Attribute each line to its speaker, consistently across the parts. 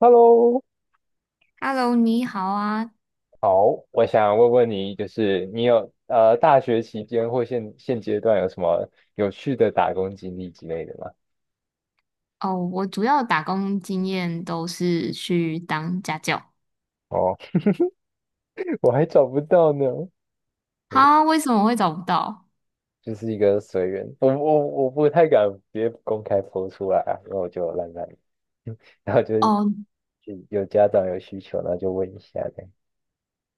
Speaker 1: Hello，
Speaker 2: Hello，你好啊。
Speaker 1: 好，我想问问你，就是你有大学期间或现阶段有什么有趣的打工经历之类的吗？
Speaker 2: 哦，我主要打工经验都是去当家教。
Speaker 1: 哦，我还找不到呢。嗯
Speaker 2: 哈，为什么会找不到？
Speaker 1: 就是一个随缘，我不太敢别公开 po 出来啊，然后我就懒懒。然后就是
Speaker 2: 哦
Speaker 1: 有家长有需求，然后就问一下呗。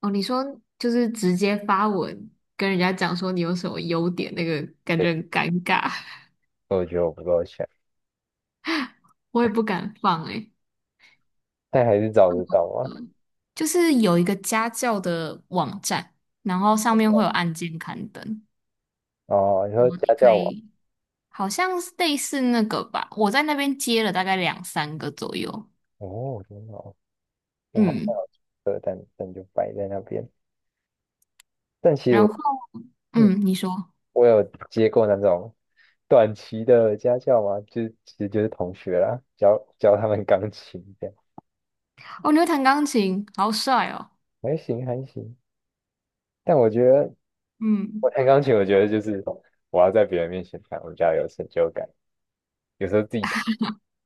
Speaker 2: 哦，你说就是直接发文跟人家讲说你有什么优点，那个感
Speaker 1: 对，
Speaker 2: 觉很尴尬，
Speaker 1: 我觉得我不够强，
Speaker 2: 我也不敢放诶、
Speaker 1: 但还是找得 到啊。
Speaker 2: 嗯，就是有一个家教的网站，然后上面会有案件刊登，
Speaker 1: 哦，你
Speaker 2: 然
Speaker 1: 说
Speaker 2: 后你
Speaker 1: 家
Speaker 2: 可
Speaker 1: 教网。
Speaker 2: 以好像是类似那个吧，我在那边接了大概两三个左右。
Speaker 1: 哦，真的哦。不好
Speaker 2: 嗯，
Speaker 1: 喝，但就摆在那边，但其实我。
Speaker 2: 然后。
Speaker 1: 嗯
Speaker 2: 嗯，你说，
Speaker 1: 我有接过那种短期的家教嘛，就其实就是同学啦，教教他们钢琴这样。
Speaker 2: 哦，你会弹钢琴，好帅哦。
Speaker 1: 还行还行。但我觉得我
Speaker 2: 嗯，
Speaker 1: 弹钢琴，我觉得就是我要在别人面前弹，我比较有成就感。有时候自己弹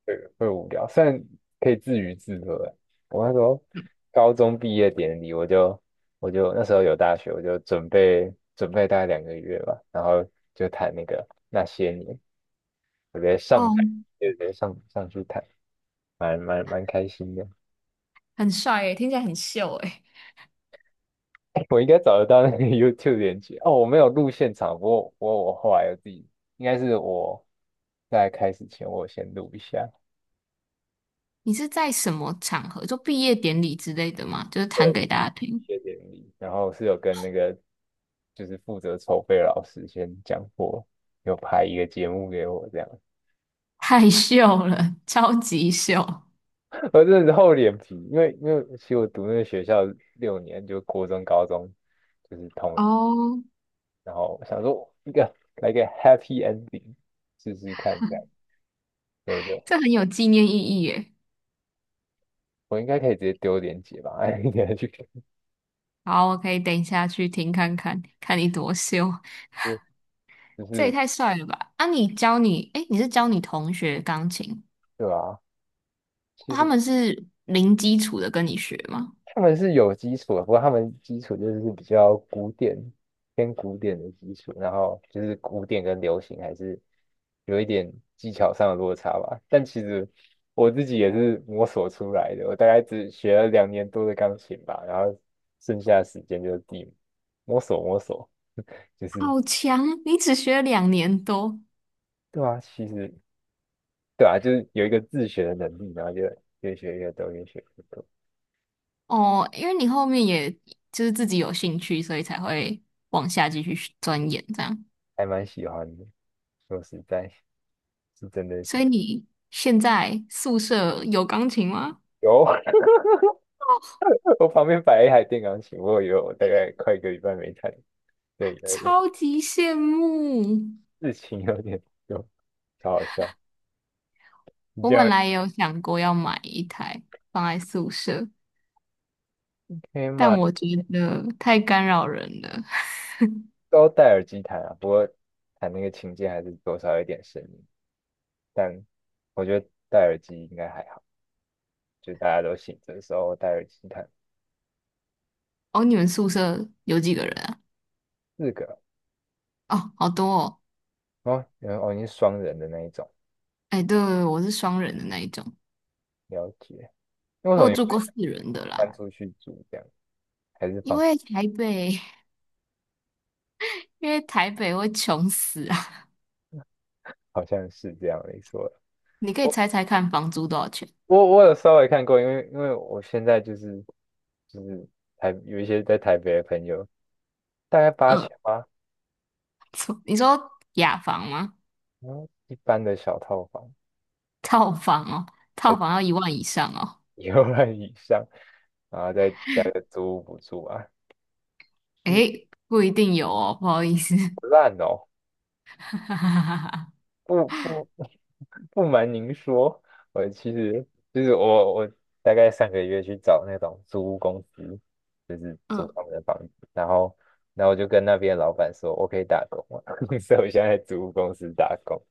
Speaker 1: 会无聊，虽然可以自娱自乐啊。我那时候高中毕业典礼，我就那时候有大学，我就准备准备大概2个月吧，然后就弹那个那些年，我直接上台，
Speaker 2: 哦，
Speaker 1: 就直接上去弹。蛮开心的。
Speaker 2: 很帅诶，听起来很秀诶。
Speaker 1: 我应该找得到那个 YouTube 连接哦。我没有录现场，不过我后来有自己，应该是我在开始前我有先录一下。
Speaker 2: 你是在什么场合，就毕业典礼之类的吗？就是弹
Speaker 1: 对，
Speaker 2: 给大家听。
Speaker 1: 谢谢典礼，然后是有跟那个就是负责筹备的老师先讲过，有拍一个节目给我这样。
Speaker 2: 太秀了，超级秀。
Speaker 1: 我真的是厚脸皮，因为其实我读那个学校6年，就国中、高中就是同。
Speaker 2: 哦，
Speaker 1: 然后我想说来个 Happy Ending 试试看这样，所以
Speaker 2: 这很有纪念意义耶。
Speaker 1: 我应该可以直接丢链接吧。哎，你还去看
Speaker 2: 好，我可以等一下去听看看，看你多秀。
Speaker 1: 就就
Speaker 2: 这也
Speaker 1: 是
Speaker 2: 太帅了吧！啊，你教你，诶，你是教你同学钢琴，
Speaker 1: 对吧、其
Speaker 2: 他
Speaker 1: 实
Speaker 2: 们是零基础的跟你学吗？
Speaker 1: 他们是有基础的，不过他们基础就是比较古典，偏古典的基础，然后就是古典跟流行还是有一点技巧上的落差吧。但其实我自己也是摸索出来的，我大概只学了2年多的钢琴吧，然后剩下的时间就是地摸索摸索。就是
Speaker 2: 好强，你只学了2年多。
Speaker 1: 对啊，其实。对啊，就是有一个自学的能力，然后就越学越多，越学越多。
Speaker 2: 哦，因为你后面也就是自己有兴趣，所以才会往下继续钻研这样。
Speaker 1: 还蛮喜欢的。说实在，是真的
Speaker 2: 所以
Speaker 1: 喜
Speaker 2: 你现在宿舍有钢琴吗？
Speaker 1: 有。我旁边摆了一台电钢琴，我有大概快一个礼拜没弹。对，有
Speaker 2: 超级羡慕！
Speaker 1: 有事情有点多，超好笑。你
Speaker 2: 我
Speaker 1: 这
Speaker 2: 本
Speaker 1: 样
Speaker 2: 来也有想过要买一台放在宿舍，
Speaker 1: 可以
Speaker 2: 但
Speaker 1: 嘛？
Speaker 2: 我觉得太干扰人了。
Speaker 1: 都戴耳机弹啊，不过弹那个琴键还是多少有点声音，但我觉得戴耳机应该还好，就大家都醒着的时候戴耳机弹。
Speaker 2: 哦，你们宿舍有几个人啊？
Speaker 1: 4个。
Speaker 2: 哦，好多哦。
Speaker 1: 哦，然后哦，你是双人的那一种，
Speaker 2: 哎，对，我是双人的那一种，
Speaker 1: 了解。那为什
Speaker 2: 我
Speaker 1: 么
Speaker 2: 有
Speaker 1: 你
Speaker 2: 住
Speaker 1: 不
Speaker 2: 过4人的
Speaker 1: 搬
Speaker 2: 啦。
Speaker 1: 出去住这样？还是
Speaker 2: 因
Speaker 1: 房
Speaker 2: 为台北，因为台北会穷死。
Speaker 1: 好像是这样没错。
Speaker 2: 你可以
Speaker 1: 我
Speaker 2: 猜猜看房租多少钱？
Speaker 1: 我有稍微看过，因为我现在就是就是台有一些在台北的朋友，大概八
Speaker 2: 嗯，
Speaker 1: 千吗？
Speaker 2: 错你说雅房吗？
Speaker 1: 然后一般的小套房，
Speaker 2: 套房哦，
Speaker 1: 还
Speaker 2: 套
Speaker 1: 是
Speaker 2: 房要1万以上哦。
Speaker 1: 1万以上，然后再加个租屋补助啊，就是
Speaker 2: 诶，不一定有哦，不好意思。
Speaker 1: 不烂哦，不不不瞒您说，我其实就是我大概上个月去找那种租屋公司，就是
Speaker 2: 嗯，
Speaker 1: 租他们的房子，然后我就跟那边的老板说，我可以打工吗？所以我现在在租屋公司打工，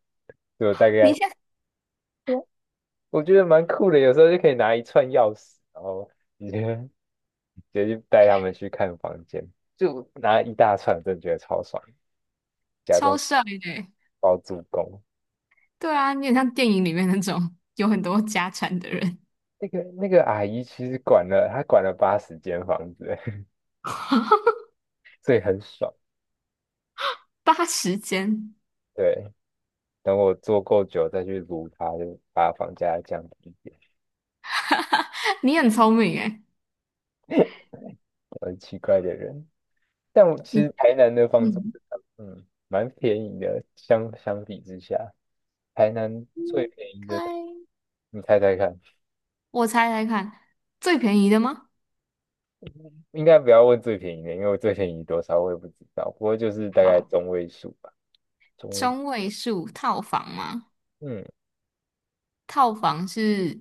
Speaker 1: 就大概。
Speaker 2: 你现在
Speaker 1: 对啊，我觉得蛮酷的，有时候就可以拿一串钥匙，然后直接直接就带他们去看房间，就拿一大串，真的觉得超爽，假
Speaker 2: 超
Speaker 1: 装
Speaker 2: 帅的欸。
Speaker 1: 包租公。
Speaker 2: 对啊，你很像电影里面那种有很多家产的人。
Speaker 1: 那个阿姨其实管了，她管了80间房子，所以很爽。
Speaker 2: 80间，
Speaker 1: 对，等我做够久再去撸它，就把房价降低一点。
Speaker 2: 你很聪明诶。
Speaker 1: 我很奇怪的人，但我
Speaker 2: 你
Speaker 1: 其实台南的房子，
Speaker 2: 嗯，
Speaker 1: 嗯，蛮便宜的，相比之下，台南
Speaker 2: 应
Speaker 1: 最便宜的，
Speaker 2: 该
Speaker 1: 你猜猜看？
Speaker 2: 我猜猜看，最便宜的吗？
Speaker 1: 应该不要问最便宜的，因为我最便宜多少我也不知道，不过就是大概
Speaker 2: 好，
Speaker 1: 中位数吧。中位。
Speaker 2: 中位数套房吗？
Speaker 1: 嗯，
Speaker 2: 套房是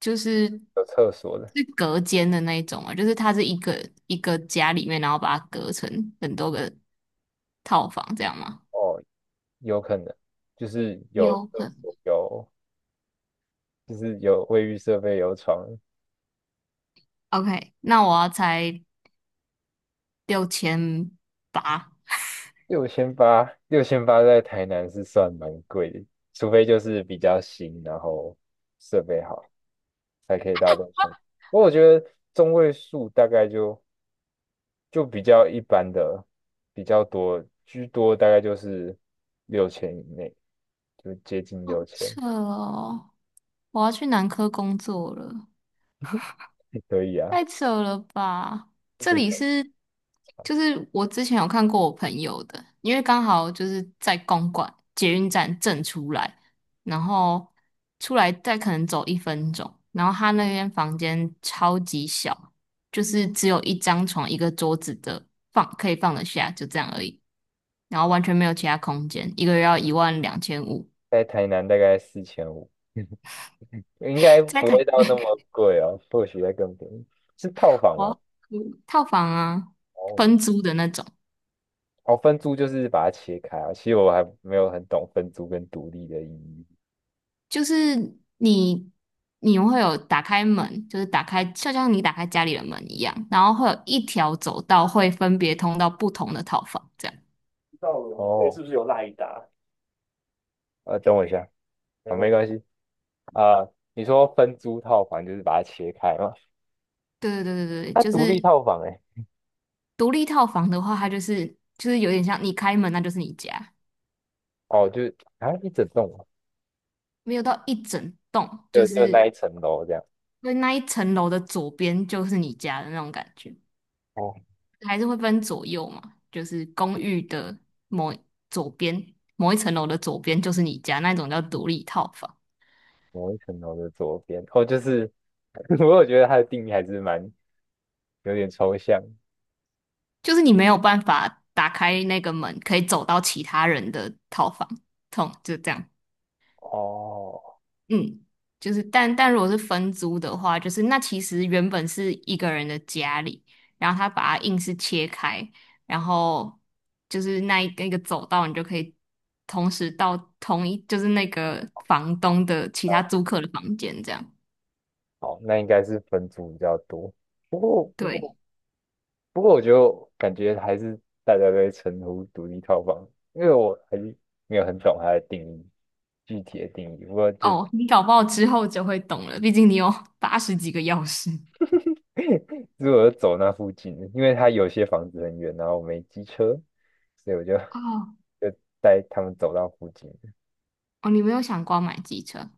Speaker 2: 就是
Speaker 1: 有厕所的。
Speaker 2: 是隔间的那一种啊，就是它是一个一个家里面，然后把它隔成很多个套房，这样吗？
Speaker 1: 哦，有可能就是有
Speaker 2: 有
Speaker 1: 厕
Speaker 2: 很
Speaker 1: 所，有就是有卫浴设备，有床。
Speaker 2: OK，那我要猜6800。
Speaker 1: 六千八。六千八在台南是算蛮贵的，除非就是比较新，然后设备好，才可以到六千。不过我觉得中位数大概就比较一般的，比较多，居多大概就是六千以内，就接近六千。
Speaker 2: 这哦，我要去男科工作了。
Speaker 1: 也可以啊。
Speaker 2: 太扯了吧！
Speaker 1: 真
Speaker 2: 这里
Speaker 1: 的，
Speaker 2: 是，就是我之前有看过我朋友的，因为刚好就是在公馆捷运站正出来，然后出来再可能走1分钟，然后他那间房间超级小，就是只有一张床一个桌子的放可以放得下，就这样而已，然后完全没有其他空间，一个月要12500。
Speaker 1: 在台南大概4500。应该
Speaker 2: 在
Speaker 1: 不
Speaker 2: 台
Speaker 1: 会到那么贵哦，或许会更便宜。是套房
Speaker 2: 湾
Speaker 1: 吗？
Speaker 2: 套房啊，
Speaker 1: 哦。
Speaker 2: 分租的那种。
Speaker 1: 哦，分租就是把它切开啊。其实我还没有很懂分租跟独立的意义。
Speaker 2: 就是你你会有打开门，就是打开，就像你打开家里的门一样，然后会有一条走道会分别通到不同的套房，这样。
Speaker 1: 不知道我哦，是不是有赖一打？等我一下，没啊，关没系，关系啊。你说分租套房就是把它切开嘛？
Speaker 2: 对对对对对，
Speaker 1: 它
Speaker 2: 就
Speaker 1: 独
Speaker 2: 是
Speaker 1: 立套房哎、
Speaker 2: 独立套房的话，它就是就是有点像你开门，那就是你家。
Speaker 1: 哦，就是啊一整栋啊
Speaker 2: 没有到一整栋，就
Speaker 1: 就那
Speaker 2: 是
Speaker 1: 一层楼这样。
Speaker 2: 因为那一层楼的左边就是你家的那种感觉，
Speaker 1: 哦，
Speaker 2: 还是会分左右嘛，就是公寓的某左边某一层楼的左边就是你家，那种叫独立套房。
Speaker 1: 某一层楼的左边，哦，就是 我有觉得它的定义还是蛮有点抽象。
Speaker 2: 就是你没有办法打开那个门，可以走到其他人的套房，痛就这样。
Speaker 1: 哦，
Speaker 2: 嗯，就是但如果是分租的话，就是那其实原本是一个人的家里，然后他把它硬是切开，然后就是那一个一个走道，你就可以同时到同一就是那个房东的其他租客的房间这样。
Speaker 1: 好，那应该是分租比较多。不过
Speaker 2: 对，
Speaker 1: 不过我就感觉还是大家都会称呼独立套房，因为我还是没有很懂它的定义，具体的定义。不过就
Speaker 2: 哦，你搞不好之后就会懂了，毕竟你有80几个钥匙。
Speaker 1: 如果走那附近，因为它有些房子很远，然后我没机车，所以我就
Speaker 2: 哦，
Speaker 1: 就带他们走到附近。
Speaker 2: 哦，你没有想过要买机车？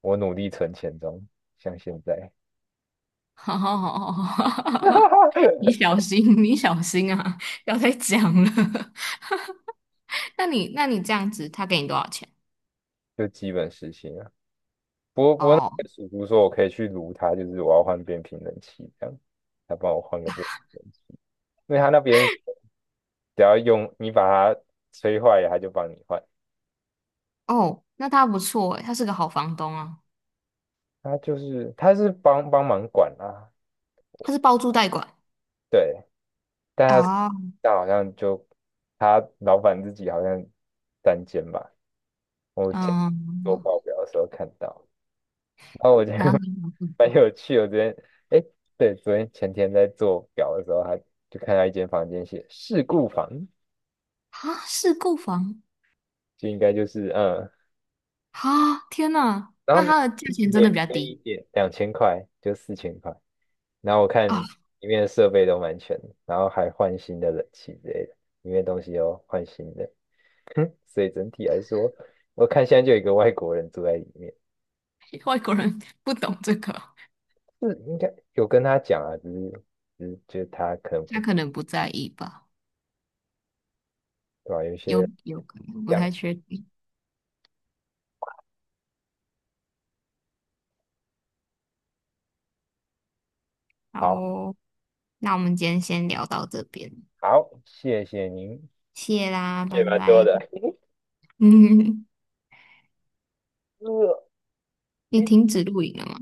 Speaker 1: 我努力存钱中，像现在
Speaker 2: 好好好好好，你小心，你小心啊，不要再讲了。那你这样子，他给你多少钱？
Speaker 1: 就基本实行啊。
Speaker 2: 哦
Speaker 1: 叔叔说我可以去撸它，就是我要换变频冷气这样，他帮我换个变频冷气，因为他那边。只要用你把它吹坏，了，它就帮你换。
Speaker 2: 哦，那他不错诶，他是个好房东啊，
Speaker 1: 它就是它是帮帮忙管啊，
Speaker 2: 他是包租代管
Speaker 1: 对，但它
Speaker 2: 啊。
Speaker 1: 好像就他老板自己好像单间吧，我前做
Speaker 2: 嗯，
Speaker 1: 报表的时候看到，然后我觉得
Speaker 2: 然后
Speaker 1: 蛮有趣的。我昨天哎，对，昨天前天在做表的时候，他就看到一间房间写事故房，
Speaker 2: 啊，是购房
Speaker 1: 就应该就是嗯，
Speaker 2: 啊，天呐，
Speaker 1: 然
Speaker 2: 那
Speaker 1: 后
Speaker 2: 他的价钱真的比
Speaker 1: 便
Speaker 2: 较
Speaker 1: 便宜一
Speaker 2: 低
Speaker 1: 点，2000块就4000块。然后我看
Speaker 2: 啊。
Speaker 1: 里面的设备都蛮全的，然后还换新的冷气之类的，里面东西都换新的，所以整体来说，我看现在就有一个外国人住在里面，
Speaker 2: 外国人不懂这个
Speaker 1: 是应该有跟他讲啊，只是就是他可能
Speaker 2: 他
Speaker 1: 不
Speaker 2: 可能不在意吧，
Speaker 1: 对吧、有
Speaker 2: 有
Speaker 1: 些
Speaker 2: 有可能不
Speaker 1: 样
Speaker 2: 太确定。好
Speaker 1: 好
Speaker 2: 哦，那我们今天先聊到这边。
Speaker 1: 好，谢谢您，
Speaker 2: 谢啦，拜
Speaker 1: 借蛮多
Speaker 2: 拜。
Speaker 1: 的。
Speaker 2: 嗯，
Speaker 1: 呃
Speaker 2: 你
Speaker 1: 诶
Speaker 2: 停止录影了吗？